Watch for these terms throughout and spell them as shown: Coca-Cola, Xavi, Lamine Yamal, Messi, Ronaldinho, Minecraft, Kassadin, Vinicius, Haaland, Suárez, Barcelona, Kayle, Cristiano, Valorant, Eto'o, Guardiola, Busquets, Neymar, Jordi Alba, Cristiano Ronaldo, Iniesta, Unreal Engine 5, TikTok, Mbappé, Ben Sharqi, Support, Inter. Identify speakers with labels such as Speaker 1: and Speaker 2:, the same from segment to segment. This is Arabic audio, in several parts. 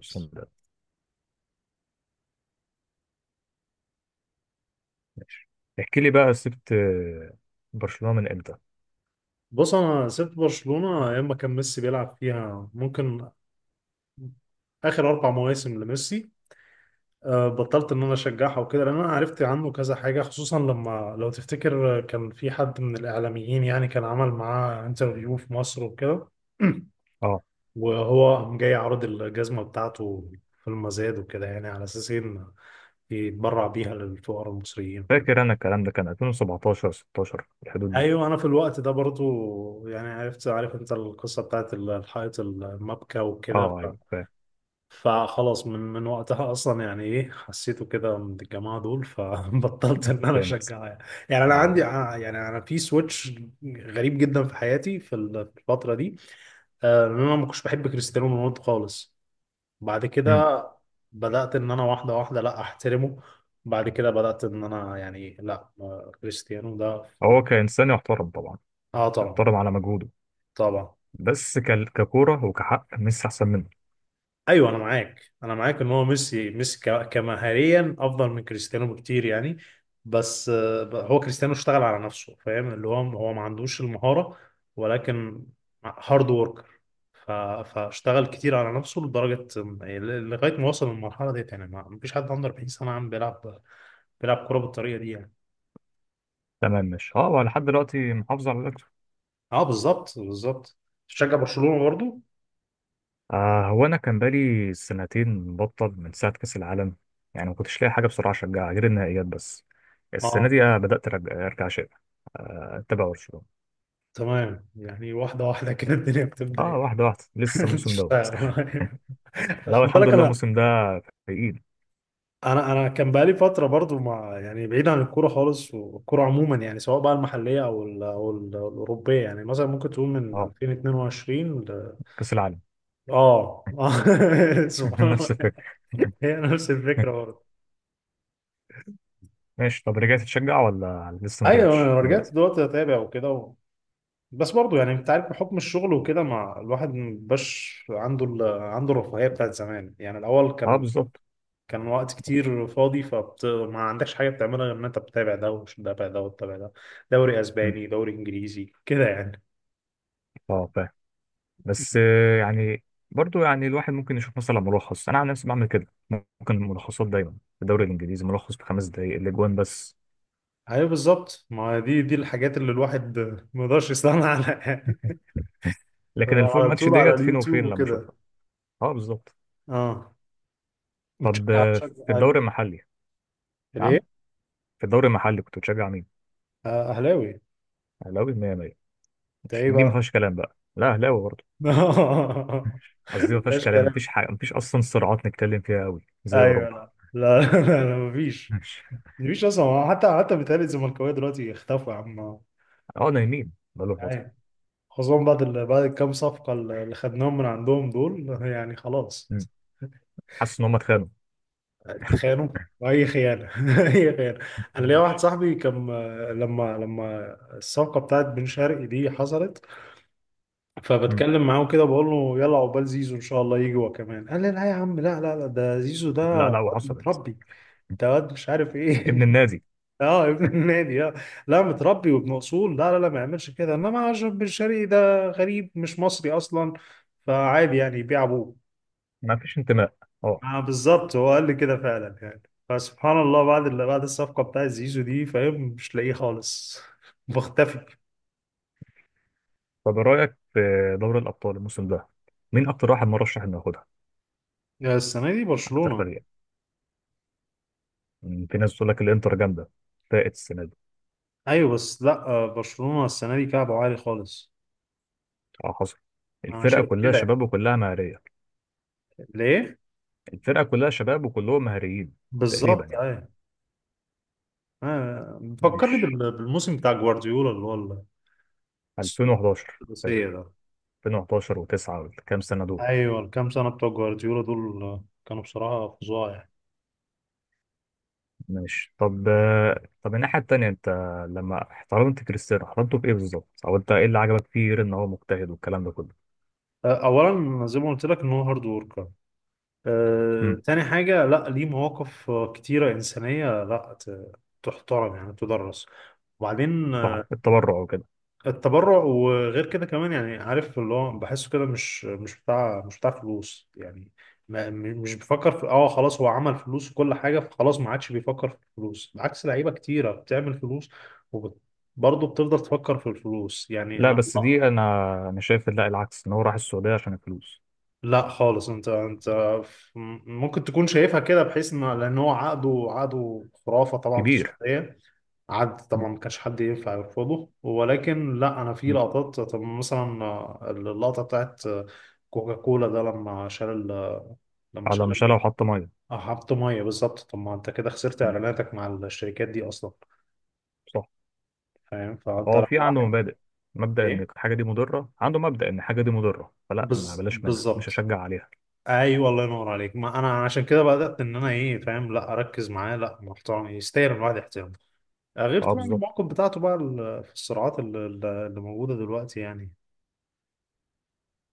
Speaker 1: بسم الله. ماشي. احكي لي بقى، سبت برشلونة من امتى؟
Speaker 2: بص انا سبت برشلونه ايام ما كان ميسي بيلعب فيها، ممكن اخر اربع مواسم لميسي. بطلت ان انا اشجعها وكده، لان انا عرفت عنه كذا حاجه، خصوصا لما لو تفتكر، كان في حد من الاعلاميين يعني كان عمل معاه انترفيو في مصر وكده.
Speaker 1: اه،
Speaker 2: وهو قام جاي عرض الجزمه بتاعته في المزاد وكده، يعني على اساس ان يتبرع بيها للفقراء المصريين وكده.
Speaker 1: فاكر انا الكلام ده كان 2017 16 الحدود دي.
Speaker 2: ايوه، انا في الوقت ده برضو يعني عرفت، عارف انت القصه بتاعت الحائط المبكى وكده.
Speaker 1: اه، ايوه، فاهم.
Speaker 2: فخلاص، من وقتها اصلا يعني ايه حسيته كده من الجماعه دول، فبطلت ان انا
Speaker 1: فهمت،
Speaker 2: اشجعها يعني. يعني انا
Speaker 1: آه.
Speaker 2: عندي، يعني انا في سويتش غريب جدا في حياتي في في الفتره دي. ان انا ما كنتش بحب كريستيانو رونالدو خالص. بعد
Speaker 1: مم.
Speaker 2: كده، بدات ان انا واحده واحده لا احترمه. بعد كده بدات ان انا يعني، لا، كريستيانو ده في
Speaker 1: هو كإنسان يحترم طبعا،
Speaker 2: اه طبعا،
Speaker 1: يحترم على مجهوده.
Speaker 2: طبعا.
Speaker 1: بس ككورة وكحق، ميسي احسن منه.
Speaker 2: ايوه انا معاك، انا معاك، ان هو ميسي ميسي كمهاريا افضل من كريستيانو بكتير يعني. بس، هو كريستيانو اشتغل على نفسه، فاهم؟ اللي هو ما عندوش المهارة، ولكن هارد وركر. فاشتغل كتير على نفسه لدرجة، لغاية ما وصل للمرحلة ديت، يعني ما فيش حد عنده 40 سنة عم بيلعب كورة بالطريقة دي يعني.
Speaker 1: تمام، ماشي. اه، هو لحد دلوقتي محافظ على الاكتر.
Speaker 2: اه بالظبط بالظبط. تشجع برشلونة برضو؟
Speaker 1: هو انا كان بقالي سنتين مبطل من ساعة كأس العالم، يعني ما كنتش لاقي حاجة بسرعة اشجعها غير النهائيات بس.
Speaker 2: اه.
Speaker 1: السنة دي بدأت أرجع شيء، أتابع برشلونة.
Speaker 2: تمام، يعني واحدة واحدة كده الدنيا بتبدأ
Speaker 1: اه،
Speaker 2: إيه؟
Speaker 1: واحدة واحدة، لسه الموسم دوت.
Speaker 2: تشتغل.
Speaker 1: لا،
Speaker 2: خد
Speaker 1: الحمد
Speaker 2: بالك،
Speaker 1: لله،
Speaker 2: انا،
Speaker 1: الموسم ده تقيل.
Speaker 2: انا كان بقالي فتره برضو، مع يعني بعيد عن الكوره خالص، والكوره عموما، يعني سواء بقى المحليه او الاوروبيه، يعني مثلا ممكن تقول من
Speaker 1: اه،
Speaker 2: 2022
Speaker 1: كأس العالم.
Speaker 2: اه. سبحان الله.
Speaker 1: نفس الفكرة.
Speaker 2: هي نفس الفكره برضو.
Speaker 1: ماشي، طب رجعت تشجع ولا لسه ما
Speaker 2: ايوه،
Speaker 1: رجعتش
Speaker 2: انا رجعت
Speaker 1: دلوقتي؟
Speaker 2: دلوقتي اتابع وكده بس برضو يعني انت عارف، بحكم الشغل وكده، مع الواحد مبقاش عنده عنده الرفاهيه بتاعت زمان. يعني الاول،
Speaker 1: اه،
Speaker 2: كان
Speaker 1: بالظبط.
Speaker 2: كان وقت كتير فاضي، ما عندكش حاجة بتعملها غير إن أنت بتتابع ده، وتتابع ده، وتتابع ده، دوري
Speaker 1: مم.
Speaker 2: أسباني، دوري إنجليزي كده يعني.
Speaker 1: اه، فاهم. بس يعني، برضو يعني الواحد ممكن يشوف مثلا ملخص. انا عن نفسي بعمل كده، ممكن ملخصات دايما في الدوري الانجليزي ملخص ب5 دقايق الاجوان بس.
Speaker 2: أيوة بالظبط، ما دي الحاجات اللي الواحد ما يقدرش يستغنى عنها يعني.
Speaker 1: لكن الفول
Speaker 2: على
Speaker 1: ماتش
Speaker 2: طول على
Speaker 1: ديت فين
Speaker 2: اليوتيوب
Speaker 1: وفين لما
Speaker 2: وكده.
Speaker 1: اشوفها. اه، بالظبط.
Speaker 2: اه.
Speaker 1: طب،
Speaker 2: بتشجع بتشجع
Speaker 1: في الدوري
Speaker 2: مين؟
Speaker 1: المحلي. نعم.
Speaker 2: ليه؟
Speaker 1: في الدوري المحلي كنت بتشجع مين؟
Speaker 2: أهلاوي.
Speaker 1: اهلاوي 100.
Speaker 2: أنت
Speaker 1: مش
Speaker 2: إيه
Speaker 1: دي ما
Speaker 2: بقى؟
Speaker 1: فيهاش كلام بقى، لا اهلاوي برضه. قصدي ما فيهاش
Speaker 2: مفيش
Speaker 1: كلام،
Speaker 2: كلام.
Speaker 1: مفيش حاجه، مفيش اصلا صراعات نتكلم فيها قوي زي
Speaker 2: أيوة،
Speaker 1: اوروبا.
Speaker 2: لا لا لا، لا مفيش.
Speaker 1: ماشي.
Speaker 2: مفيش أصلا، حتى بيتهيألي الزملكاوية دلوقتي اختفوا يا عم.
Speaker 1: اه، نايمين بقاله
Speaker 2: أيوة.
Speaker 1: فتره.
Speaker 2: خصوصا بعد بعد الكام صفقة اللي خدناهم من عندهم دول يعني، خلاص.
Speaker 1: مم. حاسس ان هم اتخانقوا.
Speaker 2: اتخانوا، وأي خيانة. أي خيانة. أنا ليا واحد
Speaker 1: ماشي.
Speaker 2: صاحبي كان، لما الصفقة بتاعت بن شرقي دي حصلت،
Speaker 1: مم.
Speaker 2: فبتكلم معاه كده بقول له يلا عقبال زيزو إن شاء الله يجي هو كمان. قال لي لا يا عم، لا لا لا، ده زيزو، ده
Speaker 1: لا، لا،
Speaker 2: واد
Speaker 1: وحصلت.
Speaker 2: متربي، ده واد مش عارف
Speaker 1: ابن
Speaker 2: إيه.
Speaker 1: النادي.
Speaker 2: اه، ابن النادي، اه. لا متربي وابن اصول، لا لا لا ما يعملش كده. انما عشان بن شرقي ده غريب، مش مصري اصلا، فعادي يعني يبيع ابوه.
Speaker 1: ما فيش انتماء. اه.
Speaker 2: ما بالظبط، هو قال لي كده فعلا يعني. فسبحان الله، بعد اللي، بعد الصفقة بتاع زيزو دي، فاهم، مش لاقيه خالص. بختفي.
Speaker 1: طب إيه رايك في دوري الابطال الموسم ده؟ مين اكتر واحد مرشح انه ياخدها؟
Speaker 2: يا، السنة دي
Speaker 1: اكتر
Speaker 2: برشلونة.
Speaker 1: فريق. مم. في ناس تقول لك الانتر جامده، فاقت السنه دي.
Speaker 2: ايوه بس لا، برشلونة السنة دي كعبه عالي خالص.
Speaker 1: اه، حصل.
Speaker 2: انا
Speaker 1: الفرقه
Speaker 2: شايف
Speaker 1: كلها
Speaker 2: كده يعني.
Speaker 1: شباب وكلها مهاريه.
Speaker 2: ليه؟
Speaker 1: الفرقه كلها شباب وكلهم مهاريين تقريبا
Speaker 2: بالظبط،
Speaker 1: يعني.
Speaker 2: ايوه. فكرني
Speaker 1: مش
Speaker 2: بالموسم بتاع جوارديولا، اللي هو
Speaker 1: 2011؟
Speaker 2: الثلاثية
Speaker 1: فاكر
Speaker 2: ده.
Speaker 1: 2011 و9 والكام سنة دول.
Speaker 2: ايوه، الكام سنة بتوع جوارديولا دول، كانوا بصراحة فظاع يعني.
Speaker 1: ماشي، طب. طب الناحية التانية، انت لما احترمت كريستيانو احترمته في ايه بالظبط؟ او انت ايه اللي عجبك فيه غير ان هو مجتهد والكلام ده كله؟
Speaker 2: اولا زي ما قلت لك ان هو هارد وركر.
Speaker 1: امم
Speaker 2: تاني حاجة، لا ليه مواقف كتيرة إنسانية لا تحترم، يعني تدرس. وبعدين،
Speaker 1: صح، التبرع وكده.
Speaker 2: التبرع، وغير كده كمان، يعني عارف اللي هو بحسه كده، مش بتاع فلوس يعني. ما م- مش بفكر في، خلاص هو عمل فلوس وكل حاجة، فخلاص ما عادش بيفكر في الفلوس، بعكس لعيبة كتيرة بتعمل فلوس وبرضه بتفضل تفكر في الفلوس يعني.
Speaker 1: لا،
Speaker 2: انا
Speaker 1: بس دي انا شايف لا، العكس، ان هو راح السعودية عشان الفلوس.
Speaker 2: لا خالص، انت، ف- ممكن تكون شايفها كده، بحيث ان، لان هو عقده، عقده خرافه طبعا في
Speaker 1: كبير.
Speaker 2: السعوديه. عقد
Speaker 1: مم.
Speaker 2: طبعا ما كانش حد ينفع يرفضه، ولكن لا، انا في
Speaker 1: مم.
Speaker 2: لقطات، طب مثلا، اللقطه بتاعت كوكا كولا ده، لما
Speaker 1: على ما
Speaker 2: شال،
Speaker 1: شالها وحط مية.
Speaker 2: اه، حط ميه بالظبط. طب ما انت كده خسرت
Speaker 1: مم.
Speaker 2: اعلاناتك مع الشركات دي اصلا،
Speaker 1: صح.
Speaker 2: فاهم؟ فانت
Speaker 1: هو
Speaker 2: لو
Speaker 1: في عنده
Speaker 2: واحد،
Speaker 1: مبادئ، مبدأ ان
Speaker 2: ايه،
Speaker 1: الحاجة دي مضرة، عنده مبدأ ان الحاجة دي مضرة، فلا، ما بلاش منها، مش
Speaker 2: بالظبط.
Speaker 1: هشجع عليها.
Speaker 2: ايوه، الله ينور عليك. ما انا عشان كده بدات ان انا، ايه، فاهم، لا، اركز معاه، لا محترم يستاهل الواحد احترامه. غير
Speaker 1: اه،
Speaker 2: طبعا
Speaker 1: بالظبط.
Speaker 2: المواقف بتاعته بقى في الصراعات اللي موجوده دلوقتي يعني.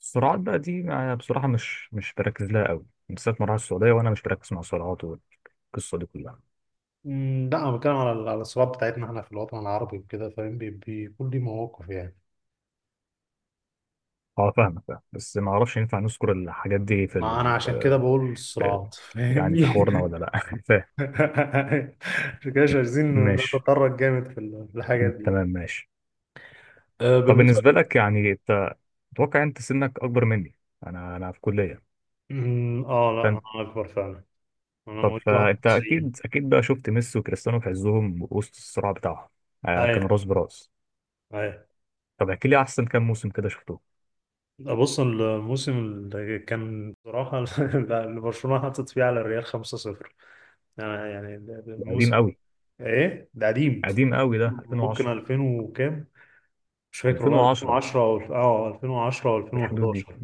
Speaker 1: السرعات بقى دي بصراحة مش بركز لها قوي، بالذات مرة على السعودية، وأنا مش بركز مع السرعات والقصة دي كلها.
Speaker 2: لا، انا بتكلم على على الصراعات بتاعتنا احنا في الوطن العربي وكده، فاهم؟ بيكون لي مواقف يعني.
Speaker 1: أه، فاهمك، فاهم. بس ما أعرفش ينفع نذكر الحاجات دي في,
Speaker 2: ما انا
Speaker 1: ال...
Speaker 2: عشان كده
Speaker 1: آه،
Speaker 2: بقول
Speaker 1: في،
Speaker 2: الصراعات،
Speaker 1: يعني، في حوارنا ولا
Speaker 2: فاهمني.
Speaker 1: لأ، فاهم؟
Speaker 2: عشان كده مش عايزين
Speaker 1: ماشي.
Speaker 2: نتطرق جامد في في الحاجات دي.
Speaker 1: تمام، ماشي. طب
Speaker 2: بالنسبه،
Speaker 1: بالنسبة لك، يعني أنت، أتوقع أنت سنك أكبر مني، أنا في كلية،
Speaker 2: اه لا،
Speaker 1: فأنت.
Speaker 2: انا اكبر فعلا. انا
Speaker 1: طب
Speaker 2: مواليد
Speaker 1: فأنت
Speaker 2: 91.
Speaker 1: أكيد، أكيد بقى شفت ميسي وكريستيانو في عزهم وسط الصراع بتاعهم. كانوا
Speaker 2: ايوه
Speaker 1: راس براس.
Speaker 2: ايوه.
Speaker 1: طب، احكي لي أحسن كام موسم كده شفتوه.
Speaker 2: بص، الموسم اللي كان بصراحة اللي برشلونة حطت فيه على الريال 5-0، يعني
Speaker 1: قديم
Speaker 2: الموسم ده.
Speaker 1: قوي.
Speaker 2: ايه ده قديم.
Speaker 1: قديم قوي، ده
Speaker 2: ممكن
Speaker 1: 2010.
Speaker 2: 2000 وكام، مش فاكر والله،
Speaker 1: 2010
Speaker 2: 2010، او 2010، او
Speaker 1: في الحدود دي.
Speaker 2: 2011.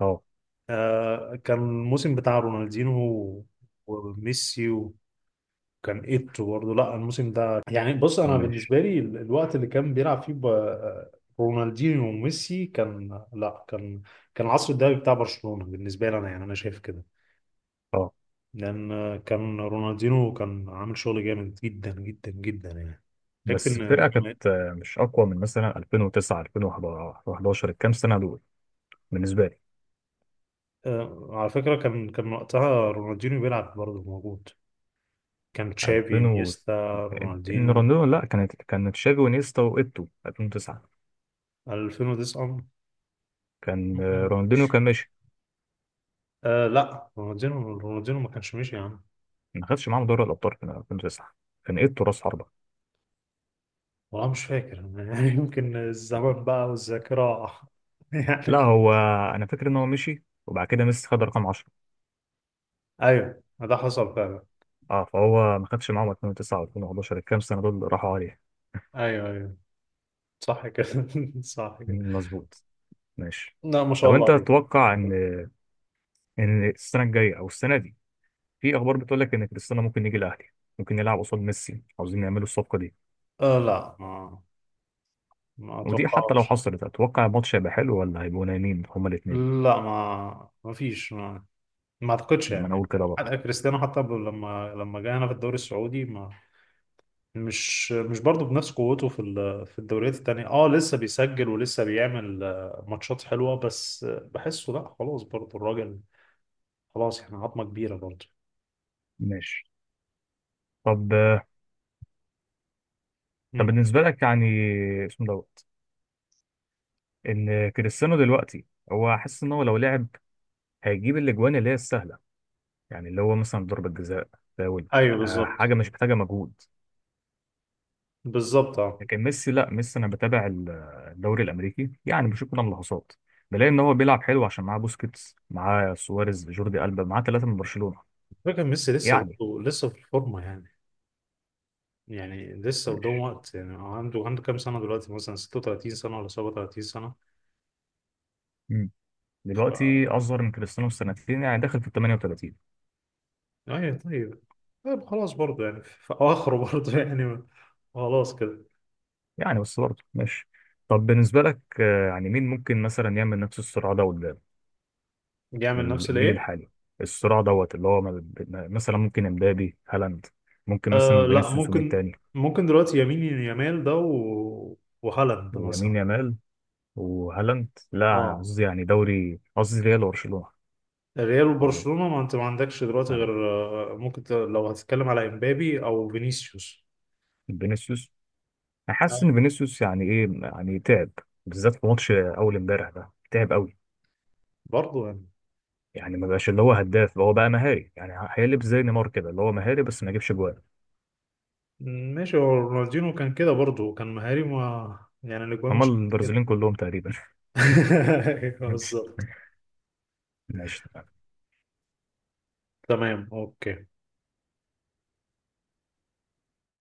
Speaker 1: اه.
Speaker 2: كان الموسم بتاع رونالدينو وميسي، كان ايتو برضه. لا الموسم ده، يعني بص انا بالنسبه لي الوقت اللي كان بيلعب فيه رونالدينيو وميسي كان، لا، كان العصر الذهبي بتاع برشلونه بالنسبه لي انا، يعني انا شايف كده.
Speaker 1: اه.
Speaker 2: لان كان رونالدينيو كان عامل شغل جامد جدا جدا جدا يعني. يكفي
Speaker 1: بس
Speaker 2: ان
Speaker 1: الفرقه كانت مش اقوى من مثلا 2009 2011 الكام سنه دول، بالنسبه لي.
Speaker 2: على فكره كان وقتها رونالدينيو بيلعب برضه موجود. كان تشافي،
Speaker 1: 2000
Speaker 2: انيستا،
Speaker 1: إن
Speaker 2: رونالدينيو،
Speaker 1: رونالدينو، لا، كان تشافي ونيستا وايتو 2009.
Speaker 2: 2009.
Speaker 1: كان رونالدينو كان ماشي.
Speaker 2: لا، رونالدينيو ما كانش ماشي يا عم.
Speaker 1: ما خدش معاهم دوري الابطال في 2009، كان ايتو راس حربه.
Speaker 2: والله مش فاكر يعني يمكن الزمن بقى والذاكرة. يعني.
Speaker 1: لا هو، انا فاكر ان هو مشي وبعد كده ميسي خد رقم 10.
Speaker 2: أيوه، ده حصل فعلا.
Speaker 1: اه، فهو ما خدش معاهم 2009 و2011، الكام سنه دول اللي راحوا عليه.
Speaker 2: أيوه أيوه صح كده. صح كده.
Speaker 1: مظبوط. ماشي.
Speaker 2: لا ما شاء
Speaker 1: طب
Speaker 2: الله
Speaker 1: انت
Speaker 2: عليك.
Speaker 1: تتوقع ان السنه الجايه او السنه دي، في اخبار بتقول لك ان كريستيانو ممكن يجي الاهلي، ممكن يلعب قصاد ميسي، عاوزين يعملوا الصفقه دي،
Speaker 2: لا، ما
Speaker 1: ودي حتى لو
Speaker 2: أتوقعش.
Speaker 1: حصلت اتوقع الماتش هيبقى حلو ولا هيبقوا نايمين هما الاثنين؟
Speaker 2: لا، ما فيش، ما أعتقدش
Speaker 1: ما انا
Speaker 2: يعني.
Speaker 1: اقول كده برضه.
Speaker 2: حتى كريستيانو، لما جه هنا في الدوري السعودي، ما مش مش برضه بنفس قوته في في الدوريات التانية. اه لسه بيسجل ولسه بيعمل ماتشات حلوة، بس، بحسه لا، خلاص برضه الراجل. خلاص، احنا عظمه كبيره برضه.
Speaker 1: ماشي. طب طب
Speaker 2: مم.
Speaker 1: بالنسبه لك يعني، اسمه دوت، ان كريستيانو دلوقتي هو حاسس ان هو لو لعب هيجيب الاجوان اللي هي السهله، يعني اللي هو مثلا ضربه جزاء، فاول،
Speaker 2: ايوه بالظبط
Speaker 1: حاجه مش محتاجه مجهود.
Speaker 2: بالظبط. اه
Speaker 1: لكن ميسي، لا ميسي، انا بتابع الدوري الامريكي، يعني بشوف كده ملاحظات، بلاقي ان هو بيلعب حلو عشان معاه بوسكيتس، معاه سواريز، جوردي ألبا، معاه ثلاثه من برشلونه.
Speaker 2: فكرة، ميسي لسه
Speaker 1: يعني.
Speaker 2: برضه لسه في الفورمة يعني. يعني لسه قدام
Speaker 1: ماشي.
Speaker 2: وقت. يعني عنده كام سنة دلوقتي، مثلا 36 سنة ولا 37 سنة؟
Speaker 1: مم.
Speaker 2: ف...
Speaker 1: دلوقتي اصغر من كريستيانو بسنتين، يعني داخل في ال 38.
Speaker 2: ايوه طيب، طيب خلاص برضه يعني في اخره. برضه يعني خلاص كده.
Speaker 1: يعني، بس برضه ماشي. طب، بالنسبه لك يعني، مين ممكن مثلا يعمل نفس الصراع ده قدام،
Speaker 2: يعمل
Speaker 1: من
Speaker 2: نفس
Speaker 1: الجيل
Speaker 2: الايه؟
Speaker 1: الحالي، الصراع دوت اللي هو مثلا ممكن امبابي، هالاند، ممكن مثلا
Speaker 2: لا،
Speaker 1: فينيسيوس، ومين
Speaker 2: ممكن
Speaker 1: تاني؟
Speaker 2: ممكن دلوقتي يمين يمال ده وهالاند مثلا.
Speaker 1: لامين يامال وهالاند، لا انا
Speaker 2: اه،
Speaker 1: قصدي يعني دوري، قصدي ريال وبرشلونه،
Speaker 2: ريال
Speaker 1: او
Speaker 2: وبرشلونة. ما انت ما عندكش دلوقتي
Speaker 1: يعني
Speaker 2: غير، ممكن لو هتتكلم على امبابي او فينيسيوس.
Speaker 1: فينيسيوس. انا حاسس ان
Speaker 2: أيوة.
Speaker 1: فينيسيوس يعني، ايه، يعني تعب، بالذات في ماتش اول امبارح ده تعب قوي.
Speaker 2: برضه يعني
Speaker 1: يعني ما بقاش اللي هو هداف، هو بقى مهاري، يعني هيقلب زي نيمار كده، اللي هو مهاري بس ما يجيبش جوان.
Speaker 2: ماشي، هو رونالدينو كان كده برضه، كان مهاري، ما يعني الاجوان
Speaker 1: اما
Speaker 2: مش كده.
Speaker 1: البرازيليين كلهم تقريبا.
Speaker 2: أيوة بالظبط.
Speaker 1: ماشي.
Speaker 2: تمام اوكي.